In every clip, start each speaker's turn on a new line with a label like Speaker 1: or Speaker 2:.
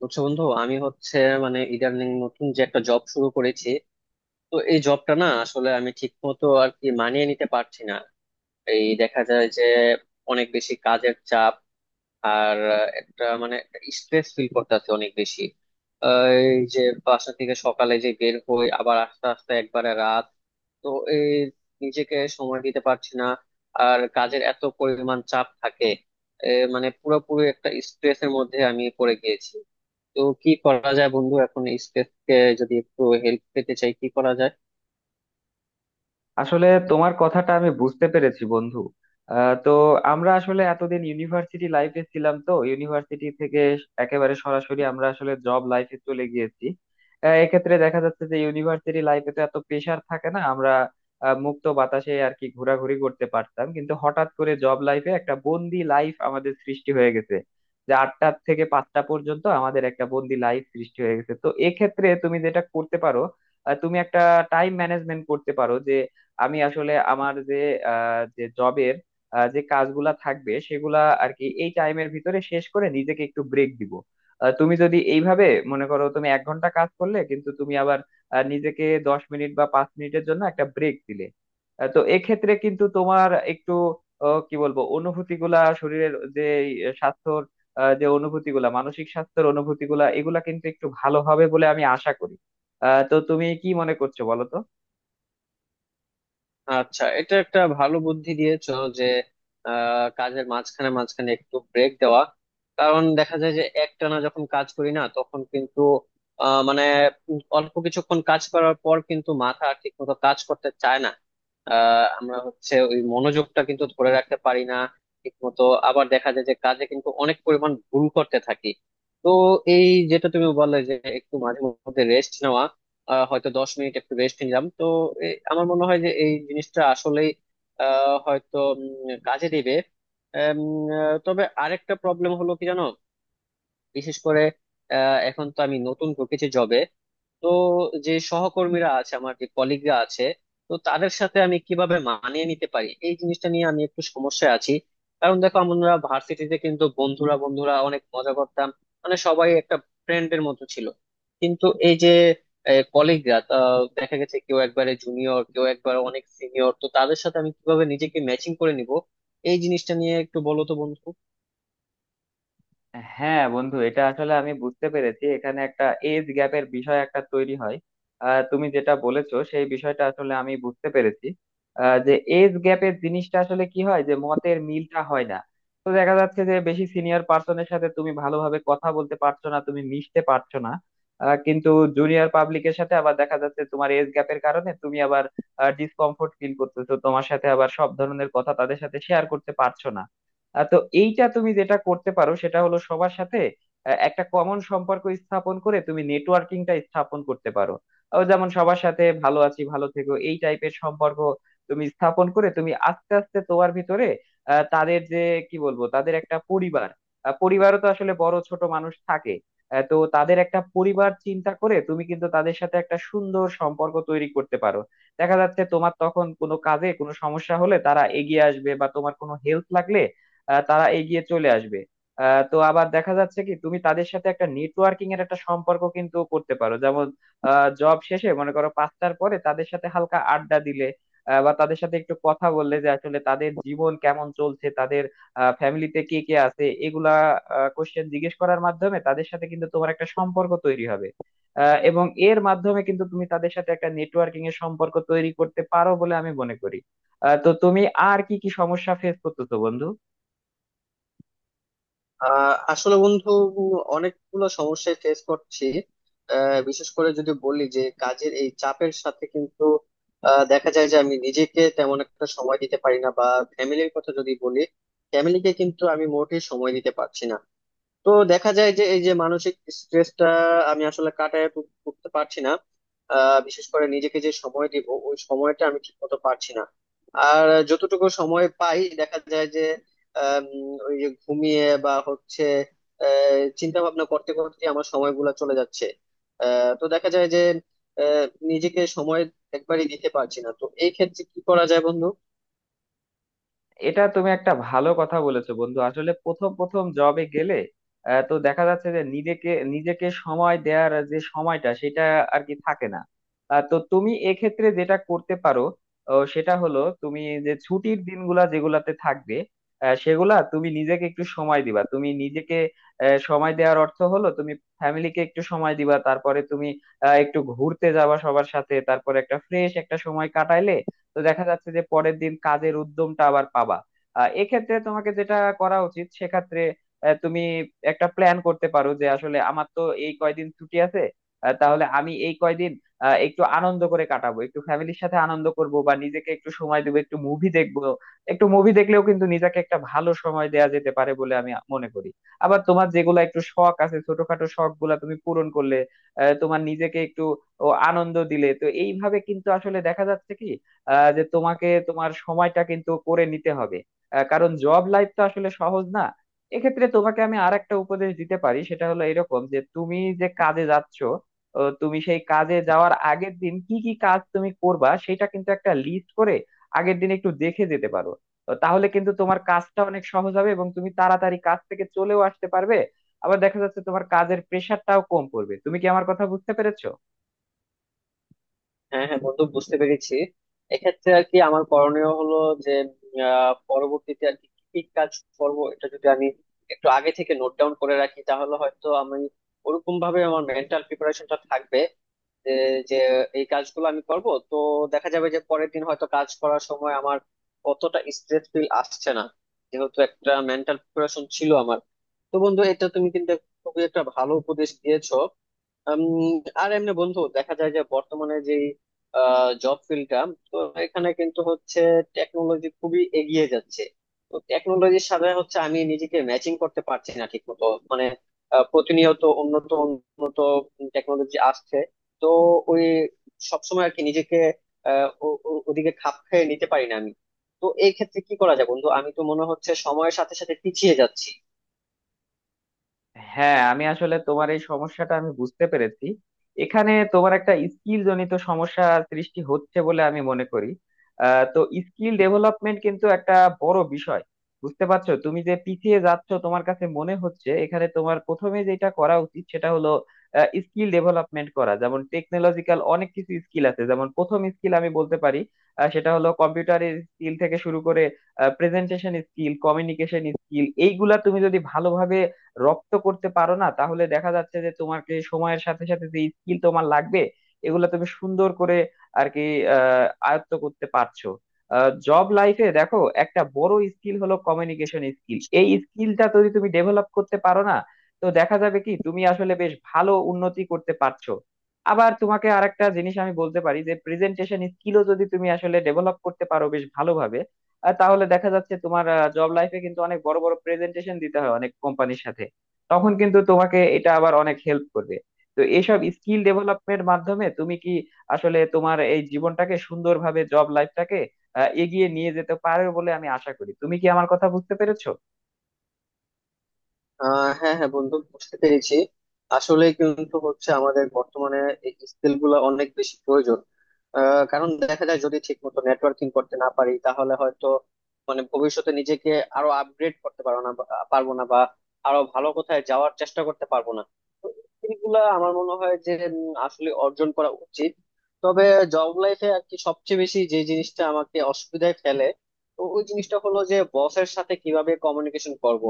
Speaker 1: বুঝছো বন্ধু, আমি হচ্ছে মানে ইদানিং নতুন যে একটা জব শুরু করেছি। তো এই জবটা না আসলে আমি ঠিক মতো আর কি মানিয়ে নিতে পারছি না। এই দেখা যায় যে অনেক বেশি কাজের চাপ, আর একটা মানে স্ট্রেস ফিল করতেছে অনেক বেশি। আহ, এই যে বাসা থেকে সকালে যে বের হই আবার আস্তে আস্তে একবারে রাত। তো এই নিজেকে সময় দিতে পারছি না, আর কাজের এত পরিমাণ চাপ থাকে। এ, মানে পুরোপুরি একটা স্ট্রেসের মধ্যে আমি পড়ে গিয়েছি। তো কি করা যায় বন্ধু এখন এই স্পেস কে, যদি একটু হেল্প পেতে চাই কি করা যায়?
Speaker 2: আসলে তোমার কথাটা আমি বুঝতে পেরেছি, বন্ধু। তো আমরা আসলে এতদিন ইউনিভার্সিটি লাইফে ছিলাম, তো ইউনিভার্সিটি থেকে একেবারে সরাসরি আমরা আসলে জব লাইফে চলে গিয়েছি। এক্ষেত্রে দেখা যাচ্ছে যে ইউনিভার্সিটি লাইফে তো এত প্রেশার থাকে না, আমরা মুক্ত বাতাসে আর কি ঘোরাঘুরি করতে পারতাম, কিন্তু হঠাৎ করে জব লাইফে একটা বন্দি লাইফ আমাদের সৃষ্টি হয়ে গেছে, যে 8টা থেকে 5টা পর্যন্ত আমাদের একটা বন্দি লাইফ সৃষ্টি হয়ে গেছে। তো এক্ষেত্রে তুমি যেটা করতে পারো, তুমি একটা টাইম ম্যানেজমেন্ট করতে পারো যে আমি আসলে আমার যে জবের যে কাজগুলা থাকবে সেগুলা আর কি এই টাইমের ভিতরে শেষ করে নিজেকে একটু ব্রেক দিব। তুমি যদি এইভাবে মনে করো, তুমি 1 ঘন্টা কাজ করলে, কিন্তু তুমি আবার নিজেকে 10 মিনিট বা 5 মিনিটের জন্য একটা ব্রেক দিলে, তো এক্ষেত্রে কিন্তু তোমার একটু কি বলবো, অনুভূতি গুলা শরীরের যে এই স্বাস্থ্যর, যে অনুভূতি গুলা মানসিক স্বাস্থ্যের অনুভূতি গুলা এগুলা কিন্তু একটু ভালো হবে বলে আমি আশা করি। তো তুমি কি মনে করছো বলো তো।
Speaker 1: আচ্ছা, এটা একটা ভালো বুদ্ধি দিয়েছো যে কাজের মাঝখানে মাঝখানে একটু ব্রেক দেওয়া। কারণ দেখা যায় যে একটানা যখন কাজ করি না তখন কিন্তু আহ, মানে অল্প কিছুক্ষণ কাজ করার পর কিন্তু মাথা আর ঠিক মতো কাজ করতে চায় না। আমরা হচ্ছে ওই মনোযোগটা কিন্তু ধরে রাখতে পারি না ঠিক মতো। আবার দেখা যায় যে কাজে কিন্তু অনেক পরিমাণ ভুল করতে থাকি। তো এই যেটা তুমি বললে যে একটু মাঝে মধ্যে রেস্ট নেওয়া, হয়তো 10 মিনিট একটু রেস্ট নিলাম। তো আমার মনে হয় যে এই জিনিসটা আসলেই হয়তো কাজে দিবে। এম, তবে আরেকটা প্রবলেম হলো কি জানো, বিশেষ করে এখন তো আমি নতুন ঢুকেছি জবে। তো যে সহকর্মীরা আছে, আমার যে কলিগরা আছে, তো তাদের সাথে আমি কিভাবে মানিয়ে নিতে পারি এই জিনিসটা নিয়ে আমি একটু সমস্যায় আছি। কারণ দেখো আমরা ভার্সিটিতে কিন্তু বন্ধুরা বন্ধুরা অনেক মজা করতাম, মানে সবাই একটা ফ্রেন্ডের মতো ছিল। কিন্তু এই যে কলিগরা, দেখা গেছে কেউ একবারে জুনিয়র কেউ একবারে অনেক সিনিয়র, তো তাদের সাথে আমি কিভাবে নিজেকে ম্যাচিং করে নিব এই জিনিসটা নিয়ে একটু বলো তো বন্ধু।
Speaker 2: হ্যাঁ, বন্ধু, এটা আসলে আমি বুঝতে পেরেছি। এখানে একটা এজ গ্যাপের বিষয় একটা তৈরি হয়। তুমি যেটা বলেছো সেই বিষয়টা আসলে আমি বুঝতে পেরেছি। যে এজ গ্যাপের জিনিসটা আসলে কি হয় যে মতের মিলটা হয় না। তো দেখা যাচ্ছে যে বেশি সিনিয়র পার্সনের সাথে তুমি ভালোভাবে কথা বলতে পারছো না, তুমি মিশতে পারছো না। কিন্তু জুনিয়র পাবলিকের সাথে আবার দেখা যাচ্ছে তোমার এজ গ্যাপের কারণে তুমি আবার ডিসকমফোর্ট ফিল করতেছো, তোমার সাথে আবার সব ধরনের কথা তাদের সাথে শেয়ার করতে পারছো না। তো এইটা তুমি যেটা করতে পারো সেটা হলো সবার সাথে একটা কমন সম্পর্ক স্থাপন করে তুমি নেটওয়ার্কিংটা স্থাপন করতে পারো। যেমন সবার সাথে ভালো আছি ভালো থেকো এই টাইপের সম্পর্ক তুমি স্থাপন করে তুমি আস্তে আস্তে তোমার ভিতরে তাদের যে কি বলবো, তাদের একটা পরিবার। পরিবারও তো আসলে বড় ছোট মানুষ থাকে। তো তাদের একটা পরিবার চিন্তা করে তুমি কিন্তু তাদের সাথে একটা সুন্দর সম্পর্ক তৈরি করতে পারো। দেখা যাচ্ছে তোমার তখন কোনো কাজে কোনো সমস্যা হলে তারা এগিয়ে আসবে, বা তোমার কোনো হেল্প লাগলে তারা এগিয়ে চলে আসবে। তো আবার দেখা যাচ্ছে কি, তুমি তাদের সাথে একটা নেটওয়ার্কিং এর একটা সম্পর্ক কিন্তু করতে পারো, যেমন জব শেষে মনে করো 5টার পরে তাদের সাথে হালকা আড্ডা দিলে, বা তাদের সাথে একটু কথা বললে যে আসলে তাদের জীবন কেমন চলছে, তাদের ফ্যামিলিতে কে কে আছে, এগুলা কোশ্চেন জিজ্ঞেস করার মাধ্যমে তাদের সাথে কিন্তু তোমার একটা সম্পর্ক তৈরি হবে। এবং এর মাধ্যমে কিন্তু তুমি তাদের সাথে একটা নেটওয়ার্কিং এর সম্পর্ক তৈরি করতে পারো বলে আমি মনে করি। তো তুমি আর কি কি সমস্যা ফেস করতেছো, বন্ধু?
Speaker 1: আসলে বন্ধু অনেকগুলো সমস্যায় ফেস করছি। বিশেষ করে যদি বলি যে কাজের এই চাপের সাথে কিন্তু দেখা যায় যে আমি নিজেকে তেমন একটা সময় দিতে পারি না। বা ফ্যামিলির কথা যদি বলি, ফ্যামিলিকে কিন্তু আমি মোটেই সময় দিতে পারছি না। তো দেখা যায় যে এই যে মানসিক স্ট্রেসটা আমি আসলে উঠতে পারছি না। বিশেষ করে নিজেকে যে সময় দিব ওই সময়টা আমি ঠিক মতো পারছি না। আর যতটুকু সময় পাই দেখা যায় যে আম, ওই যে ঘুমিয়ে বা হচ্ছে চিন্তা ভাবনা করতে করতে আমার সময়গুলো চলে যাচ্ছে। তো দেখা যায় যে আহ, নিজেকে সময় একবারই দিতে পারছি না। তো এই ক্ষেত্রে কি করা যায় বন্ধু?
Speaker 2: এটা তুমি একটা ভালো কথা বলেছো, বন্ধু। আসলে প্রথম প্রথম জবে গেলে তো দেখা যাচ্ছে যে নিজেকে নিজেকে সময় দেওয়ার যে সময়টা সেটা আর কি থাকে না। তো তুমি এক্ষেত্রে যেটা করতে পারো, সেটা হলো তুমি যে ছুটির দিনগুলা যেগুলাতে থাকবে সেগুলা তুমি নিজেকে একটু সময় দিবা। তুমি নিজেকে সময় দেওয়ার অর্থ হলো তুমি ফ্যামিলিকে একটু সময় দিবা। তারপরে তুমি একটু ঘুরতে যাবা সবার সাথে, তারপরে একটা ফ্রেশ একটা সময় কাটাইলে তো দেখা যাচ্ছে যে পরের দিন কাজের উদ্যমটা আবার পাবা। এক্ষেত্রে তোমাকে যেটা করা উচিত সেক্ষেত্রে, তুমি একটা প্ল্যান করতে পারো যে আসলে আমার তো এই কয়দিন ছুটি আছে। তাহলে আমি এই কয়দিন একটু আনন্দ করে কাটাবো, একটু ফ্যামিলির সাথে আনন্দ করব বা নিজেকে একটু সময় দেবো, একটু মুভি দেখবো। একটু মুভি দেখলেও কিন্তু নিজেকে একটা ভালো সময় দেয়া যেতে পারে বলে আমি মনে করি। আবার তোমার যেগুলা একটু শখ আছে, ছোটখাটো শখ গুলা তুমি পূরণ করলে, তোমার নিজেকে একটু ও আনন্দ দিলে, তো এইভাবে কিন্তু আসলে দেখা যাচ্ছে কি, যে তোমাকে তোমার সময়টা কিন্তু করে নিতে হবে। কারণ জব লাইফ তো আসলে সহজ না। এক্ষেত্রে তোমাকে আমি আর একটা উপদেশ দিতে পারি, সেটা হলো এরকম যে তুমি যে কাজে যাচ্ছ, ও তুমি সেই কাজে যাওয়ার আগের দিন কি কি কাজ তুমি করবা সেটা কিন্তু একটা লিস্ট করে আগের দিন একটু দেখে যেতে পারো। তো তাহলে কিন্তু তোমার কাজটা অনেক সহজ হবে এবং তুমি তাড়াতাড়ি কাজ থেকে চলেও আসতে পারবে। আবার দেখা যাচ্ছে তোমার কাজের প্রেশারটাও কম পড়বে। তুমি কি আমার কথা বুঝতে পেরেছো?
Speaker 1: হ্যাঁ হ্যাঁ বন্ধু, বুঝতে পেরেছি। এক্ষেত্রে আর কি আমার করণীয় হলো যে পরবর্তীতে আর কি কি কি কাজ করব, এটা যদি আমি একটু আগে থেকে নোট ডাউন করে রাখি তাহলে হয়তো আমি ওরকম ভাবে আমার মেন্টাল প্রিপারেশনটা থাকবে যে যে এই কাজগুলো আমি করব। তো দেখা যাবে যে পরের দিন হয়তো কাজ করার সময় আমার অতটা স্ট্রেস ফিল আসছে না, যেহেতু একটা মেন্টাল প্রিপারেশন ছিল আমার। তো বন্ধু এটা তুমি কিন্তু খুবই একটা ভালো উপদেশ দিয়েছো। উম, আর এমনি বন্ধু দেখা যায় যে বর্তমানে যে জব ফিল্ডটা, তো এখানে কিন্তু হচ্ছে টেকনোলজি খুবই এগিয়ে যাচ্ছে। তো টেকনোলজির সাথে হচ্ছে আমি নিজেকে ম্যাচিং করতে পারছি না ঠিক মতো। মানে প্রতিনিয়ত উন্নত উন্নত টেকনোলজি আসছে। তো ওই সবসময় আর কি নিজেকে ওদিকে খাপ খেয়ে নিতে পারি না আমি। তো এই ক্ষেত্রে কি করা যায় বন্ধু, আমি তো মনে হচ্ছে সময়ের সাথে সাথে পিছিয়ে যাচ্ছি।
Speaker 2: হ্যাঁ, আমি আসলে তোমার এই সমস্যাটা আমি বুঝতে পেরেছি। এখানে তোমার একটা স্কিল জনিত সমস্যা সৃষ্টি হচ্ছে বলে আমি মনে করি। তো স্কিল ডেভেলপমেন্ট কিন্তু একটা বড় বিষয়। বুঝতে পারছো, তুমি যে পিছিয়ে যাচ্ছ তোমার কাছে মনে হচ্ছে, এখানে তোমার প্রথমে যেটা করা উচিত সেটা হলো স্কিল ডেভেলপমেন্ট করা। যেমন টেকনোলজিক্যাল অনেক কিছু স্কিল আছে, যেমন প্রথম স্কিল আমি বলতে পারি সেটা হলো কম্পিউটারের স্কিল থেকে শুরু করে প্রেজেন্টেশন স্কিল, কমিউনিকেশন স্কিল, এইগুলা তুমি যদি ভালোভাবে রপ্ত করতে পারো না, তাহলে দেখা যাচ্ছে যে তোমাকে সময়ের সাথে সাথে যে স্কিল তোমার লাগবে এগুলো তুমি সুন্দর করে আর কি আয়ত্ত করতে পারছো। জব লাইফে দেখো, একটা বড় স্কিল হলো কমিউনিকেশন স্কিল। এই স্কিলটা যদি তুমি ডেভেলপ করতে পারো না, তো দেখা যাবে কি তুমি আসলে বেশ ভালো উন্নতি করতে পারছো। আবার তোমাকে আরেকটা জিনিস আমি বলতে পারি যে প্রেজেন্টেশন স্কিলও যদি তুমি আসলে ডেভেলপ করতে পারো বেশ ভালোভাবে, তাহলে দেখা যাচ্ছে তোমার জব লাইফে কিন্তু অনেক বড় বড় প্রেজেন্টেশন দিতে হয় অনেক কোম্পানির সাথে। তখন কিন্তু তোমাকে এটা আবার অনেক হেল্প করবে। তো এইসব স্কিল ডেভেলপমেন্ট মাধ্যমে তুমি কি আসলে তোমার এই জীবনটাকে সুন্দরভাবে, জব লাইফটাকে এগিয়ে নিয়ে যেতে পারবে বলে আমি আশা করি। তুমি কি আমার কথা বুঝতে পেরেছো?
Speaker 1: হ্যাঁ হ্যাঁ বন্ধু, বুঝতে পেরেছি। আসলে কিন্তু হচ্ছে আমাদের বর্তমানে এই স্কিল গুলো অনেক বেশি প্রয়োজন। কারণ দেখা যায় যদি ঠিক মতো নেটওয়ার্কিং করতে না পারি তাহলে হয়তো মানে ভবিষ্যতে নিজেকে আরো আপগ্রেড করতে পারবো না, বা আরো ভালো কোথায় যাওয়ার চেষ্টা করতে পারবো না। তো স্কিল গুলা আমার মনে হয় যে আসলে অর্জন করা উচিত। তবে জব লাইফে আর কি সবচেয়ে বেশি যে জিনিসটা আমাকে অসুবিধায় ফেলে, তো ওই জিনিসটা হলো যে বসের সাথে কিভাবে কমিউনিকেশন করব।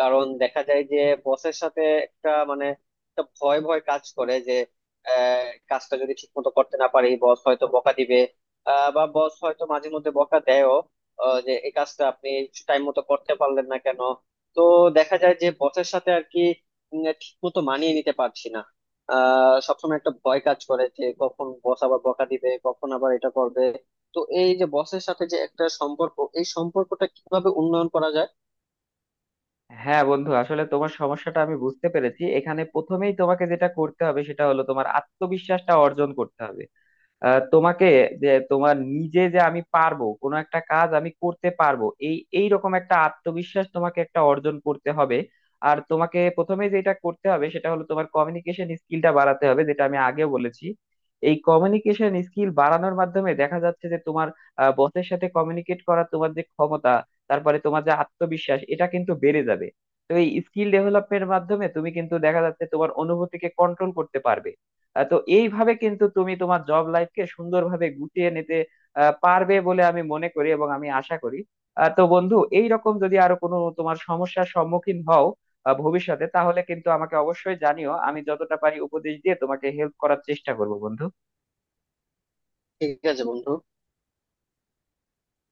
Speaker 1: কারণ দেখা যায় যে বসের সাথে একটা মানে একটা ভয় ভয় কাজ করে যে আহ, কাজটা যদি ঠিক মতো করতে না পারি বস হয়তো বকা দিবে। বা বস হয়তো মাঝে মধ্যে বকা দেয়ও যে এই কাজটা আপনি টাইম মতো করতে পারলেন না কেন। তো দেখা যায় যে বসের সাথে আর কি ঠিক মতো মানিয়ে নিতে পারছি না। সবসময় একটা ভয় কাজ করে যে কখন বস আবার বকা দিবে, কখন আবার এটা করবে। তো এই যে বসের সাথে যে একটা সম্পর্ক, এই সম্পর্কটা কিভাবে উন্নয়ন করা যায়?
Speaker 2: হ্যাঁ, বন্ধু, আসলে তোমার সমস্যাটা আমি বুঝতে পেরেছি। এখানে প্রথমেই তোমাকে যেটা করতে হবে সেটা হলো তোমার আত্মবিশ্বাসটা অর্জন করতে হবে। তোমাকে, যে তোমার নিজে যে আমি পারবো, কোনো একটা কাজ আমি করতে পারবো, এই এই রকম একটা আত্মবিশ্বাস তোমাকে একটা অর্জন করতে হবে। আর তোমাকে প্রথমে যেটা করতে হবে সেটা হলো তোমার কমিউনিকেশন স্কিলটা বাড়াতে হবে, যেটা আমি আগেও বলেছি। এই কমিউনিকেশন স্কিল বাড়ানোর মাধ্যমে দেখা যাচ্ছে যে তোমার বসের সাথে কমিউনিকেট করার তোমার যে ক্ষমতা, তারপরে তোমার যে আত্মবিশ্বাস, এটা কিন্তু বেড়ে যাবে। তো এই স্কিল ডেভেলপমেন্টের মাধ্যমে তুমি কিন্তু দেখা যাচ্ছে তোমার অনুভূতিকে কন্ট্রোল করতে পারবে। তো এইভাবে কিন্তু তুমি তোমার জব লাইফকে সুন্দরভাবে গুটিয়ে নিতে পারবে বলে আমি মনে করি এবং আমি আশা করি। তো বন্ধু, এই রকম যদি আরো কোনো তোমার সমস্যার সম্মুখীন হও ভবিষ্যতে, তাহলে কিন্তু আমাকে অবশ্যই জানিও। আমি যতটা পারি উপদেশ দিয়ে তোমাকে হেল্প করার চেষ্টা করবো, বন্ধু।
Speaker 1: ঠিক আছে বন্ধু।